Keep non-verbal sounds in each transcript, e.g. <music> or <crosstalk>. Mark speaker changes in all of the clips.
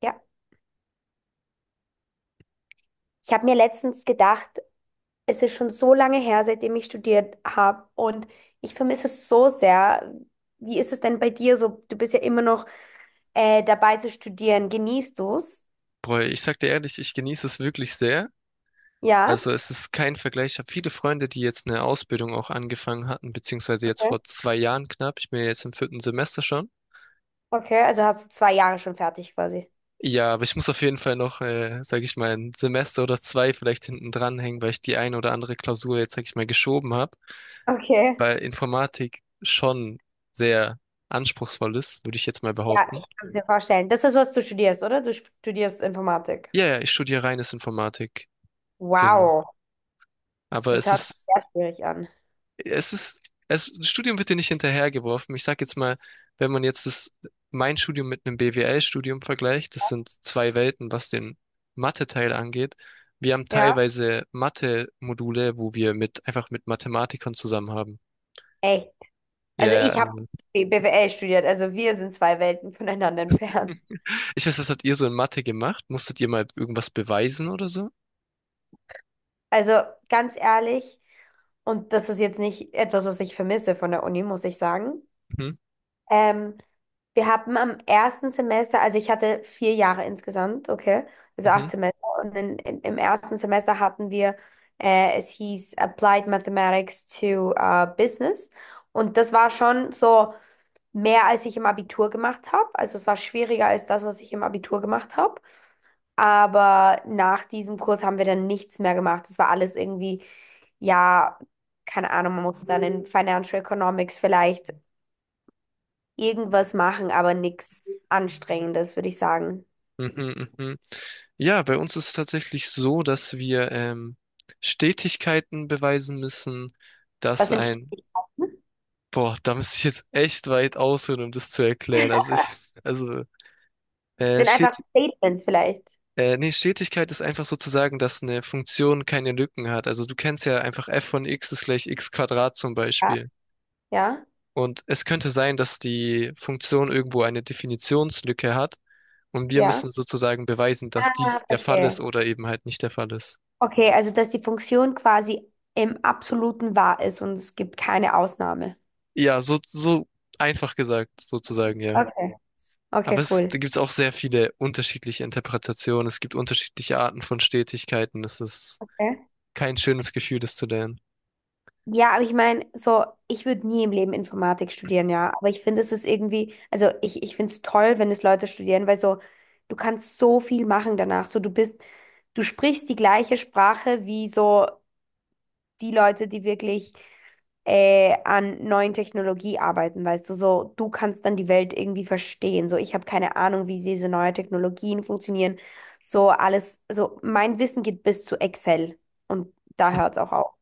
Speaker 1: Ja, ich habe mir letztens gedacht, es ist schon so lange her, seitdem ich studiert habe und ich vermisse es so sehr. Wie ist es denn bei dir so? Du bist ja immer noch dabei zu studieren. Genießt du es?
Speaker 2: Boah, ich sag dir ehrlich, ich genieße es wirklich sehr.
Speaker 1: Ja,
Speaker 2: Also es ist kein Vergleich. Ich habe viele Freunde, die jetzt eine Ausbildung auch angefangen hatten, beziehungsweise jetzt
Speaker 1: okay.
Speaker 2: vor 2 Jahren knapp. Ich bin ja jetzt im vierten Semester schon.
Speaker 1: Okay, also hast du zwei Jahre schon fertig quasi.
Speaker 2: Ja, aber ich muss auf jeden Fall noch, sag ich mal, 1 Semester oder 2 vielleicht hinten dran hängen, weil ich die eine oder andere Klausur jetzt, sag ich mal, geschoben habe,
Speaker 1: Okay.
Speaker 2: weil Informatik schon sehr anspruchsvoll ist, würde ich jetzt mal
Speaker 1: Ja,
Speaker 2: behaupten.
Speaker 1: ich kann es mir vorstellen. Das ist, was du studierst, oder? Du studierst Informatik.
Speaker 2: Ja, ja, ich studiere reines Informatik. Genau.
Speaker 1: Wow,
Speaker 2: Aber
Speaker 1: das hört sich sehr schwierig an.
Speaker 2: es ist, das Studium wird dir nicht hinterhergeworfen. Ich sag jetzt mal, wenn man jetzt das, mein Studium mit einem BWL-Studium vergleicht, das sind zwei Welten, was den Mathe-Teil angeht. Wir haben
Speaker 1: Ja,
Speaker 2: teilweise Mathe-Module, wo wir mit, einfach mit Mathematikern zusammen haben.
Speaker 1: echt. Also
Speaker 2: Ja,
Speaker 1: ich habe
Speaker 2: mhm.
Speaker 1: BWL studiert, also wir sind zwei Welten voneinander entfernt.
Speaker 2: Ich weiß, was habt ihr so in Mathe gemacht? Musstet ihr mal irgendwas beweisen oder so?
Speaker 1: Also ganz ehrlich, und das ist jetzt nicht etwas, was ich vermisse von der Uni, muss ich sagen.
Speaker 2: Mhm,
Speaker 1: Ähm, wir hatten am ersten Semester, also ich hatte vier Jahre insgesamt, okay, also acht
Speaker 2: mhm,
Speaker 1: Semester. Und im ersten Semester hatten wir, es hieß Applied Mathematics to Business. Und das war schon so mehr, als ich im Abitur gemacht habe. Also es war schwieriger als das, was ich im Abitur gemacht habe. Aber nach diesem Kurs haben wir dann nichts mehr gemacht. Das war alles irgendwie, ja, keine Ahnung, man musste dann in Financial Economics vielleicht irgendwas machen, aber nichts Anstrengendes, würde ich sagen.
Speaker 2: mhm, mhm. Ja, bei uns ist es tatsächlich so, dass wir Stetigkeiten beweisen müssen, dass
Speaker 1: Was sind
Speaker 2: ein —
Speaker 1: Stetigkeiten?
Speaker 2: Boah, da müsste ich jetzt echt weit ausholen, um das zu erklären. Also ich, also
Speaker 1: Sind einfach
Speaker 2: steht,
Speaker 1: Statements vielleicht.
Speaker 2: nee, Stetigkeit ist einfach sozusagen, dass eine Funktion keine Lücken hat. Also du kennst ja einfach f von x ist gleich x Quadrat zum
Speaker 1: Ja,
Speaker 2: Beispiel.
Speaker 1: ja,
Speaker 2: Und es könnte sein, dass die Funktion irgendwo eine Definitionslücke hat und wir
Speaker 1: ja.
Speaker 2: müssen sozusagen beweisen, dass
Speaker 1: Ah,
Speaker 2: dies der Fall
Speaker 1: verstehe.
Speaker 2: ist oder eben halt nicht der Fall ist.
Speaker 1: Okay, also dass die Funktion quasi im absoluten Wahr ist und es gibt keine Ausnahme.
Speaker 2: Ja, so, so einfach gesagt, sozusagen, ja.
Speaker 1: Okay. Okay,
Speaker 2: Aber es, da
Speaker 1: cool.
Speaker 2: gibt es auch sehr viele unterschiedliche Interpretationen. Es gibt unterschiedliche Arten von Stetigkeiten. Es ist
Speaker 1: Okay.
Speaker 2: kein schönes Gefühl, das zu lernen.
Speaker 1: Ja, aber ich meine, so, ich würde nie im Leben Informatik studieren, ja. Aber ich finde, es ist irgendwie, also ich finde es toll, wenn es Leute studieren, weil so, du kannst so viel machen danach. So, du bist, du sprichst die gleiche Sprache wie so die Leute, die wirklich an neuen Technologie arbeiten, weißt du, so, du kannst dann die Welt irgendwie verstehen. So, ich habe keine Ahnung, wie diese neuen Technologien funktionieren. So, alles, also mein Wissen geht bis zu Excel und da hört es auch auf.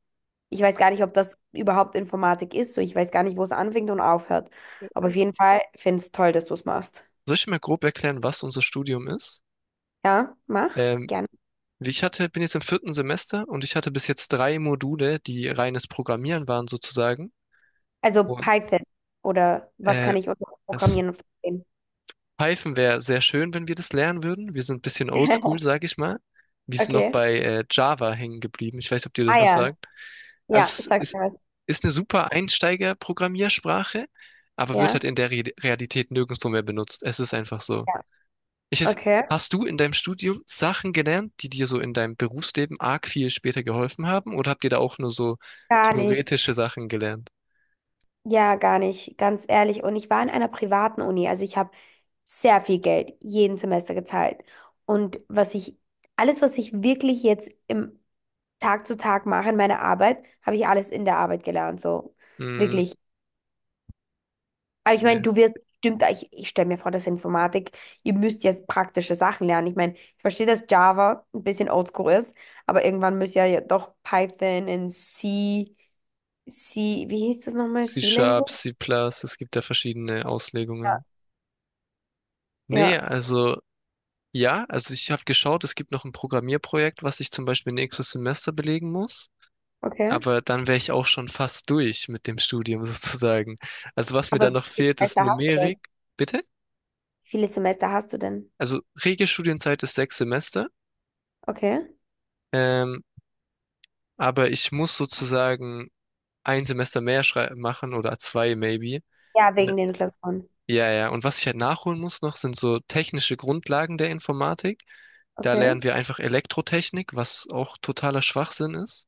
Speaker 1: Ich weiß gar nicht, ob das überhaupt Informatik ist. So, ich weiß gar nicht, wo es anfängt und aufhört. Aber auf jeden Fall finde ich es toll, dass du es machst.
Speaker 2: Soll ich mal grob erklären, was unser Studium ist?
Speaker 1: Ja, mach.
Speaker 2: Ähm,
Speaker 1: Gerne.
Speaker 2: Wie ich hatte, bin jetzt im vierten Semester und ich hatte bis jetzt drei Module, die reines Programmieren waren sozusagen.
Speaker 1: Also
Speaker 2: Und
Speaker 1: Python oder was
Speaker 2: äh,
Speaker 1: kann ich unter
Speaker 2: das
Speaker 1: Programmieren verstehen?
Speaker 2: Python wäre sehr schön, wenn wir das lernen würden. Wir sind ein bisschen oldschool,
Speaker 1: <laughs>
Speaker 2: sage ich mal. Wir sind noch
Speaker 1: Okay.
Speaker 2: bei Java hängen geblieben. Ich weiß nicht, ob dir
Speaker 1: Ah
Speaker 2: das was
Speaker 1: ja.
Speaker 2: sagt.
Speaker 1: Ja,
Speaker 2: Also
Speaker 1: sag
Speaker 2: es ist,
Speaker 1: mir was.
Speaker 2: ist eine super Einsteiger-Programmiersprache, aber wird
Speaker 1: Ja.
Speaker 2: halt in der Re Realität nirgendwo mehr benutzt. Es ist einfach so.
Speaker 1: Ja.
Speaker 2: Ich, weiß-
Speaker 1: Okay.
Speaker 2: Hast du in deinem Studium Sachen gelernt, die dir so in deinem Berufsleben arg viel später geholfen haben? Oder habt ihr da auch nur so
Speaker 1: Gar nicht.
Speaker 2: theoretische Sachen gelernt?
Speaker 1: Ja, gar nicht, ganz ehrlich. Und ich war in einer privaten Uni, also ich habe sehr viel Geld jeden Semester gezahlt. Und was ich, alles, was ich wirklich jetzt im Tag zu Tag mache in meiner Arbeit, habe ich alles in der Arbeit gelernt, so
Speaker 2: Hm,
Speaker 1: wirklich. Aber ich meine,
Speaker 2: nee.
Speaker 1: du wirst bestimmt, ich stelle mir vor, dass Informatik, ihr müsst jetzt praktische Sachen lernen. Ich meine, ich verstehe, dass Java ein bisschen oldschool ist, aber irgendwann müsst ihr ja doch Python und C, wie hieß das nochmal?
Speaker 2: C-Sharp,
Speaker 1: C-Language?
Speaker 2: C++, es gibt da verschiedene
Speaker 1: Ja.
Speaker 2: Auslegungen. Nee,
Speaker 1: Ja,
Speaker 2: also ja, also ich habe geschaut, es gibt noch ein Programmierprojekt, was ich zum Beispiel nächstes Semester belegen muss.
Speaker 1: okay.
Speaker 2: Aber dann wäre ich auch schon fast durch mit dem Studium <laughs> sozusagen. Also was mir
Speaker 1: Aber
Speaker 2: dann
Speaker 1: wie
Speaker 2: noch
Speaker 1: viele
Speaker 2: fehlt, ist
Speaker 1: Semester hast du
Speaker 2: Numerik.
Speaker 1: denn?
Speaker 2: Bitte?
Speaker 1: Wie viele Semester hast du denn?
Speaker 2: Also Regelstudienzeit ist 6 Semester.
Speaker 1: Okay.
Speaker 2: Ähm, aber ich muss sozusagen ein Semester mehr machen oder zwei maybe.
Speaker 1: Ja,
Speaker 2: In-
Speaker 1: wegen den Klausuren.
Speaker 2: Ja, ja. Und was ich halt nachholen muss noch, sind so technische Grundlagen der Informatik. Da
Speaker 1: Okay.
Speaker 2: lernen wir einfach Elektrotechnik, was auch totaler Schwachsinn ist.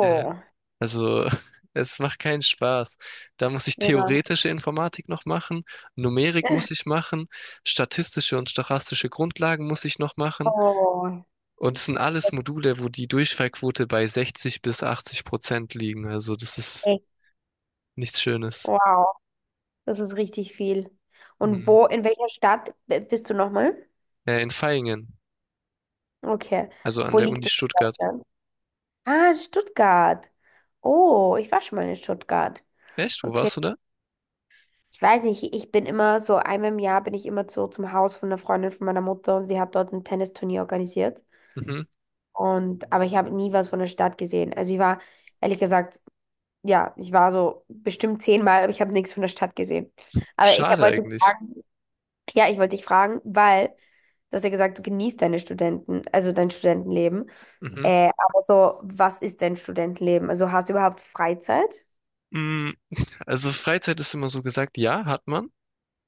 Speaker 2: Ja. Also, <laughs> es macht keinen Spaß. Da muss ich
Speaker 1: ja.
Speaker 2: theoretische Informatik noch machen, Numerik muss
Speaker 1: <laughs>
Speaker 2: ich machen, statistische und stochastische Grundlagen muss ich noch machen.
Speaker 1: Oh,
Speaker 2: Und es sind alles Module, wo die Durchfallquote bei 60 bis 80% liegen. Also, das ist
Speaker 1: echt.
Speaker 2: nichts Schönes.
Speaker 1: Wow. Das ist richtig viel. Und
Speaker 2: Mhm.
Speaker 1: wo, in welcher Stadt bist du nochmal?
Speaker 2: In Vaihingen,
Speaker 1: Okay.
Speaker 2: also an
Speaker 1: Wo
Speaker 2: der Uni
Speaker 1: liegt das in
Speaker 2: Stuttgart.
Speaker 1: Deutschland? Ah, Stuttgart. Oh, ich war schon mal in Stuttgart.
Speaker 2: Echt? Wo
Speaker 1: Okay.
Speaker 2: warst du da?
Speaker 1: Ich weiß nicht, ich bin immer so, einmal im Jahr bin ich immer so zum Haus von einer Freundin von meiner Mutter und sie hat dort ein Tennisturnier organisiert.
Speaker 2: Mhm.
Speaker 1: Und, aber ich habe nie was von der Stadt gesehen. Also ich war, ehrlich gesagt, ja, ich war so bestimmt zehnmal, aber ich habe nichts von der Stadt gesehen. Aber
Speaker 2: Schade
Speaker 1: wollte
Speaker 2: eigentlich.
Speaker 1: fragen, ja, ich wollte dich fragen, weil du hast ja gesagt, du genießt deine Studenten, also dein Studentenleben.
Speaker 2: Mhm.
Speaker 1: Aber so, was ist dein Studentenleben? Also hast du überhaupt Freizeit?
Speaker 2: Mm, Also Freizeit ist immer so gesagt, ja, hat man.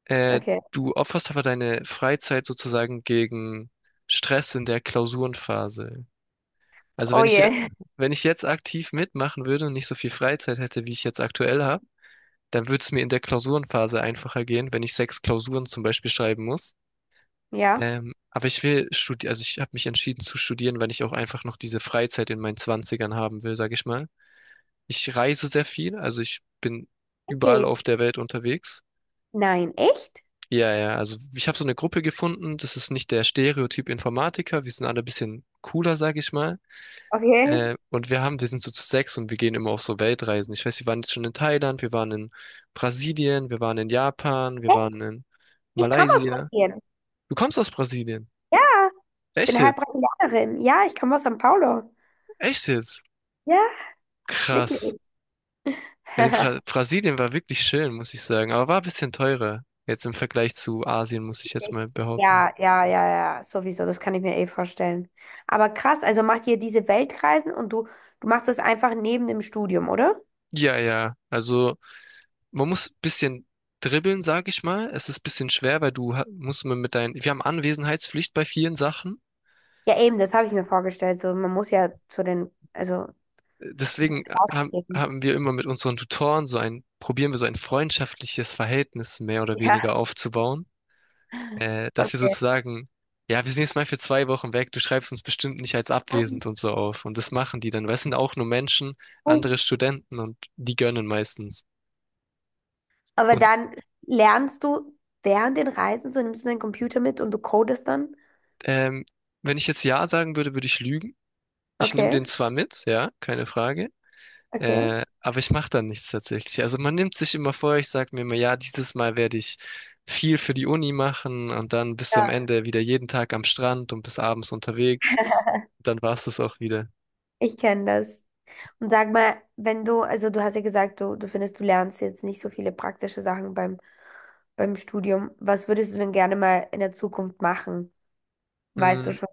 Speaker 2: Äh,
Speaker 1: Okay.
Speaker 2: Du opferst aber deine Freizeit sozusagen gegen Stress in der Klausurenphase. Also
Speaker 1: Oh je. <laughs>
Speaker 2: wenn ich jetzt aktiv mitmachen würde und nicht so viel Freizeit hätte, wie ich jetzt aktuell habe, dann würde es mir in der Klausurenphase einfacher gehen, wenn ich sechs Klausuren zum Beispiel schreiben muss.
Speaker 1: Ja.
Speaker 2: Aber ich will studieren, also ich habe mich entschieden zu studieren, weil ich auch einfach noch diese Freizeit in meinen Zwanzigern haben will, sage ich mal. Ich reise sehr viel, also ich bin überall auf
Speaker 1: Wirklich?
Speaker 2: der Welt unterwegs.
Speaker 1: Nein, echt?
Speaker 2: Ja, ja, also ich habe so eine Gruppe gefunden, das ist nicht der Stereotyp Informatiker, wir sind alle ein bisschen cooler, sag ich mal.
Speaker 1: Okay.
Speaker 2: Und wir sind so zu sechs und wir gehen immer auf so Weltreisen. Ich weiß, wir waren jetzt schon in Thailand, wir waren in Brasilien, wir waren in Japan, wir
Speaker 1: Echt?
Speaker 2: waren in
Speaker 1: Ich komme aus
Speaker 2: Malaysia.
Speaker 1: Brasilien.
Speaker 2: Du kommst aus Brasilien.
Speaker 1: Ja, ich
Speaker 2: Echt
Speaker 1: bin halb
Speaker 2: jetzt?
Speaker 1: Brasilianerin. Ja, ich komme aus São Paulo.
Speaker 2: Echt jetzt?
Speaker 1: Ja,
Speaker 2: Krass.
Speaker 1: wirklich.
Speaker 2: Ja, die Bra
Speaker 1: <laughs>
Speaker 2: Brasilien war wirklich schön, muss ich sagen, aber war ein bisschen teurer. Jetzt im Vergleich zu Asien, muss ich jetzt mal behaupten.
Speaker 1: Ja, ja, ja, ja, sowieso, das kann ich mir eh vorstellen. Aber krass, also macht ihr diese Weltreisen und du machst das einfach neben dem Studium, oder?
Speaker 2: Ja, ja, also. Man muss ein bisschen dribbeln, sage ich mal. Es ist ein bisschen schwer, weil musst man mit deinen, wir haben Anwesenheitspflicht bei vielen Sachen.
Speaker 1: Ja, eben, das habe ich mir vorgestellt. So, man muss ja zu den, also zu den
Speaker 2: Deswegen haben,
Speaker 1: Auftritten.
Speaker 2: haben wir immer mit unseren Tutoren so ein, probieren wir so ein freundschaftliches Verhältnis mehr oder
Speaker 1: Ja,
Speaker 2: weniger aufzubauen, dass wir
Speaker 1: okay.
Speaker 2: sozusagen, ja, wir sind jetzt mal für 2 Wochen weg, du schreibst uns bestimmt nicht als
Speaker 1: Ah,
Speaker 2: abwesend und so auf. Und das machen die dann, weil es sind auch nur Menschen, andere
Speaker 1: nice.
Speaker 2: Studenten und die gönnen meistens.
Speaker 1: Aber
Speaker 2: Und
Speaker 1: dann lernst du während den Reisen, so nimmst du deinen Computer mit und du codest dann.
Speaker 2: ähm, wenn ich jetzt Ja sagen würde, würde ich lügen. Ich nehme
Speaker 1: Okay,
Speaker 2: den zwar mit, ja, keine Frage.
Speaker 1: okay.
Speaker 2: Aber ich mache dann nichts tatsächlich. Also man nimmt sich immer vor, ich sage mir immer, ja, dieses Mal werde ich viel für die Uni machen und dann bist du am
Speaker 1: Ja,
Speaker 2: Ende wieder jeden Tag am Strand und bis abends unterwegs. Dann war es das auch wieder.
Speaker 1: ich kenne das. Und sag mal, wenn du, also du hast ja gesagt, du findest, du lernst jetzt nicht so viele praktische Sachen beim, beim Studium. Was würdest du denn gerne mal in der Zukunft machen? Weißt du
Speaker 2: Hm,
Speaker 1: schon?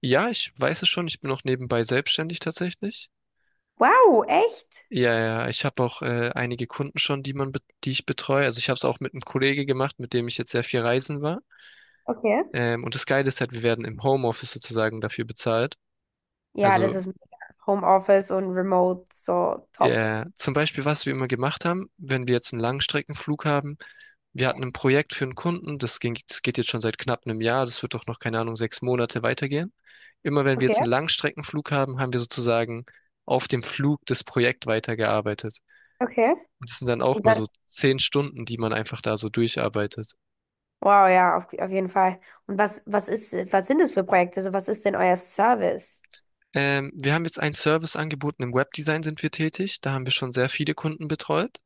Speaker 2: ja, ich weiß es schon, ich bin auch nebenbei selbstständig tatsächlich.
Speaker 1: Wow, echt?
Speaker 2: Ja, ja, ich habe auch einige Kunden schon, die ich betreue. Also ich habe es auch mit einem Kollege gemacht, mit dem ich jetzt sehr viel reisen war.
Speaker 1: Okay.
Speaker 2: Und das Geile ist halt, wir werden im Homeoffice sozusagen dafür bezahlt.
Speaker 1: Ja, das
Speaker 2: Also
Speaker 1: ist mega. Homeoffice und Remote, so top.
Speaker 2: ja, zum Beispiel, was wir immer gemacht haben, wenn wir jetzt einen Langstreckenflug haben, wir hatten ein Projekt für einen Kunden, das ging, das geht jetzt schon seit knapp einem Jahr, das wird doch noch, keine Ahnung, 6 Monate weitergehen. Immer wenn wir
Speaker 1: Okay,
Speaker 2: jetzt einen Langstreckenflug haben, haben wir sozusagen auf dem Flug das Projekt weitergearbeitet.
Speaker 1: okay.
Speaker 2: Und das sind dann auch
Speaker 1: Und
Speaker 2: mal so
Speaker 1: was?
Speaker 2: 10 Stunden, die man einfach da so durcharbeitet.
Speaker 1: Wow, ja, auf jeden Fall. Und was, was ist, was sind das für Projekte? Also was ist denn euer Service?
Speaker 2: Wir haben jetzt einen Service angeboten, im Webdesign sind wir tätig, da haben wir schon sehr viele Kunden betreut.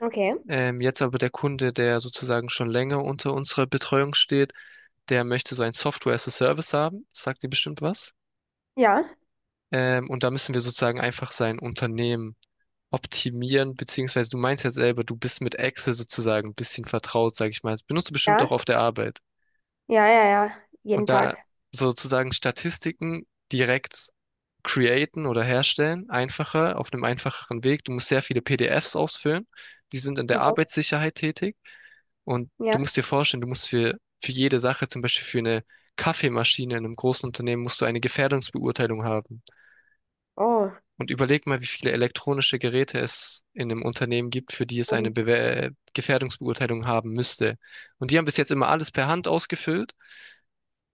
Speaker 1: Okay.
Speaker 2: Jetzt aber der Kunde, der sozusagen schon länger unter unserer Betreuung steht, der möchte so ein Software as a Service haben, sagt dir bestimmt was.
Speaker 1: Ja.
Speaker 2: Und da müssen wir sozusagen einfach sein Unternehmen optimieren, beziehungsweise du meinst ja selber, du bist mit Excel sozusagen ein bisschen vertraut, sage ich mal. Das benutzt du bestimmt
Speaker 1: Ja.
Speaker 2: auch auf der Arbeit.
Speaker 1: Ja, ja, ja. Jeden
Speaker 2: Und da
Speaker 1: Tag.
Speaker 2: sozusagen Statistiken direkt createn oder herstellen, einfacher, auf einem einfacheren Weg. Du musst sehr viele PDFs ausfüllen, die sind in der
Speaker 1: Okay.
Speaker 2: Arbeitssicherheit tätig und du
Speaker 1: Ja.
Speaker 2: musst dir vorstellen, du musst für jede Sache, zum Beispiel für eine Kaffeemaschine in einem großen Unternehmen, musst du eine Gefährdungsbeurteilung haben.
Speaker 1: Oh.
Speaker 2: Und überleg mal, wie viele elektronische Geräte es in einem Unternehmen gibt, für die es eine
Speaker 1: Eben.
Speaker 2: Bewer Gefährdungsbeurteilung haben müsste. Und die haben bis jetzt immer alles per Hand ausgefüllt.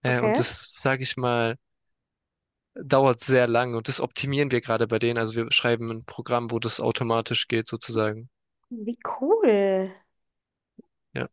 Speaker 2: Und
Speaker 1: Okay.
Speaker 2: das, sage ich mal, dauert sehr lang und das optimieren wir gerade bei denen. Also wir schreiben ein Programm, wo das automatisch geht, sozusagen.
Speaker 1: Wie cool.
Speaker 2: Ja.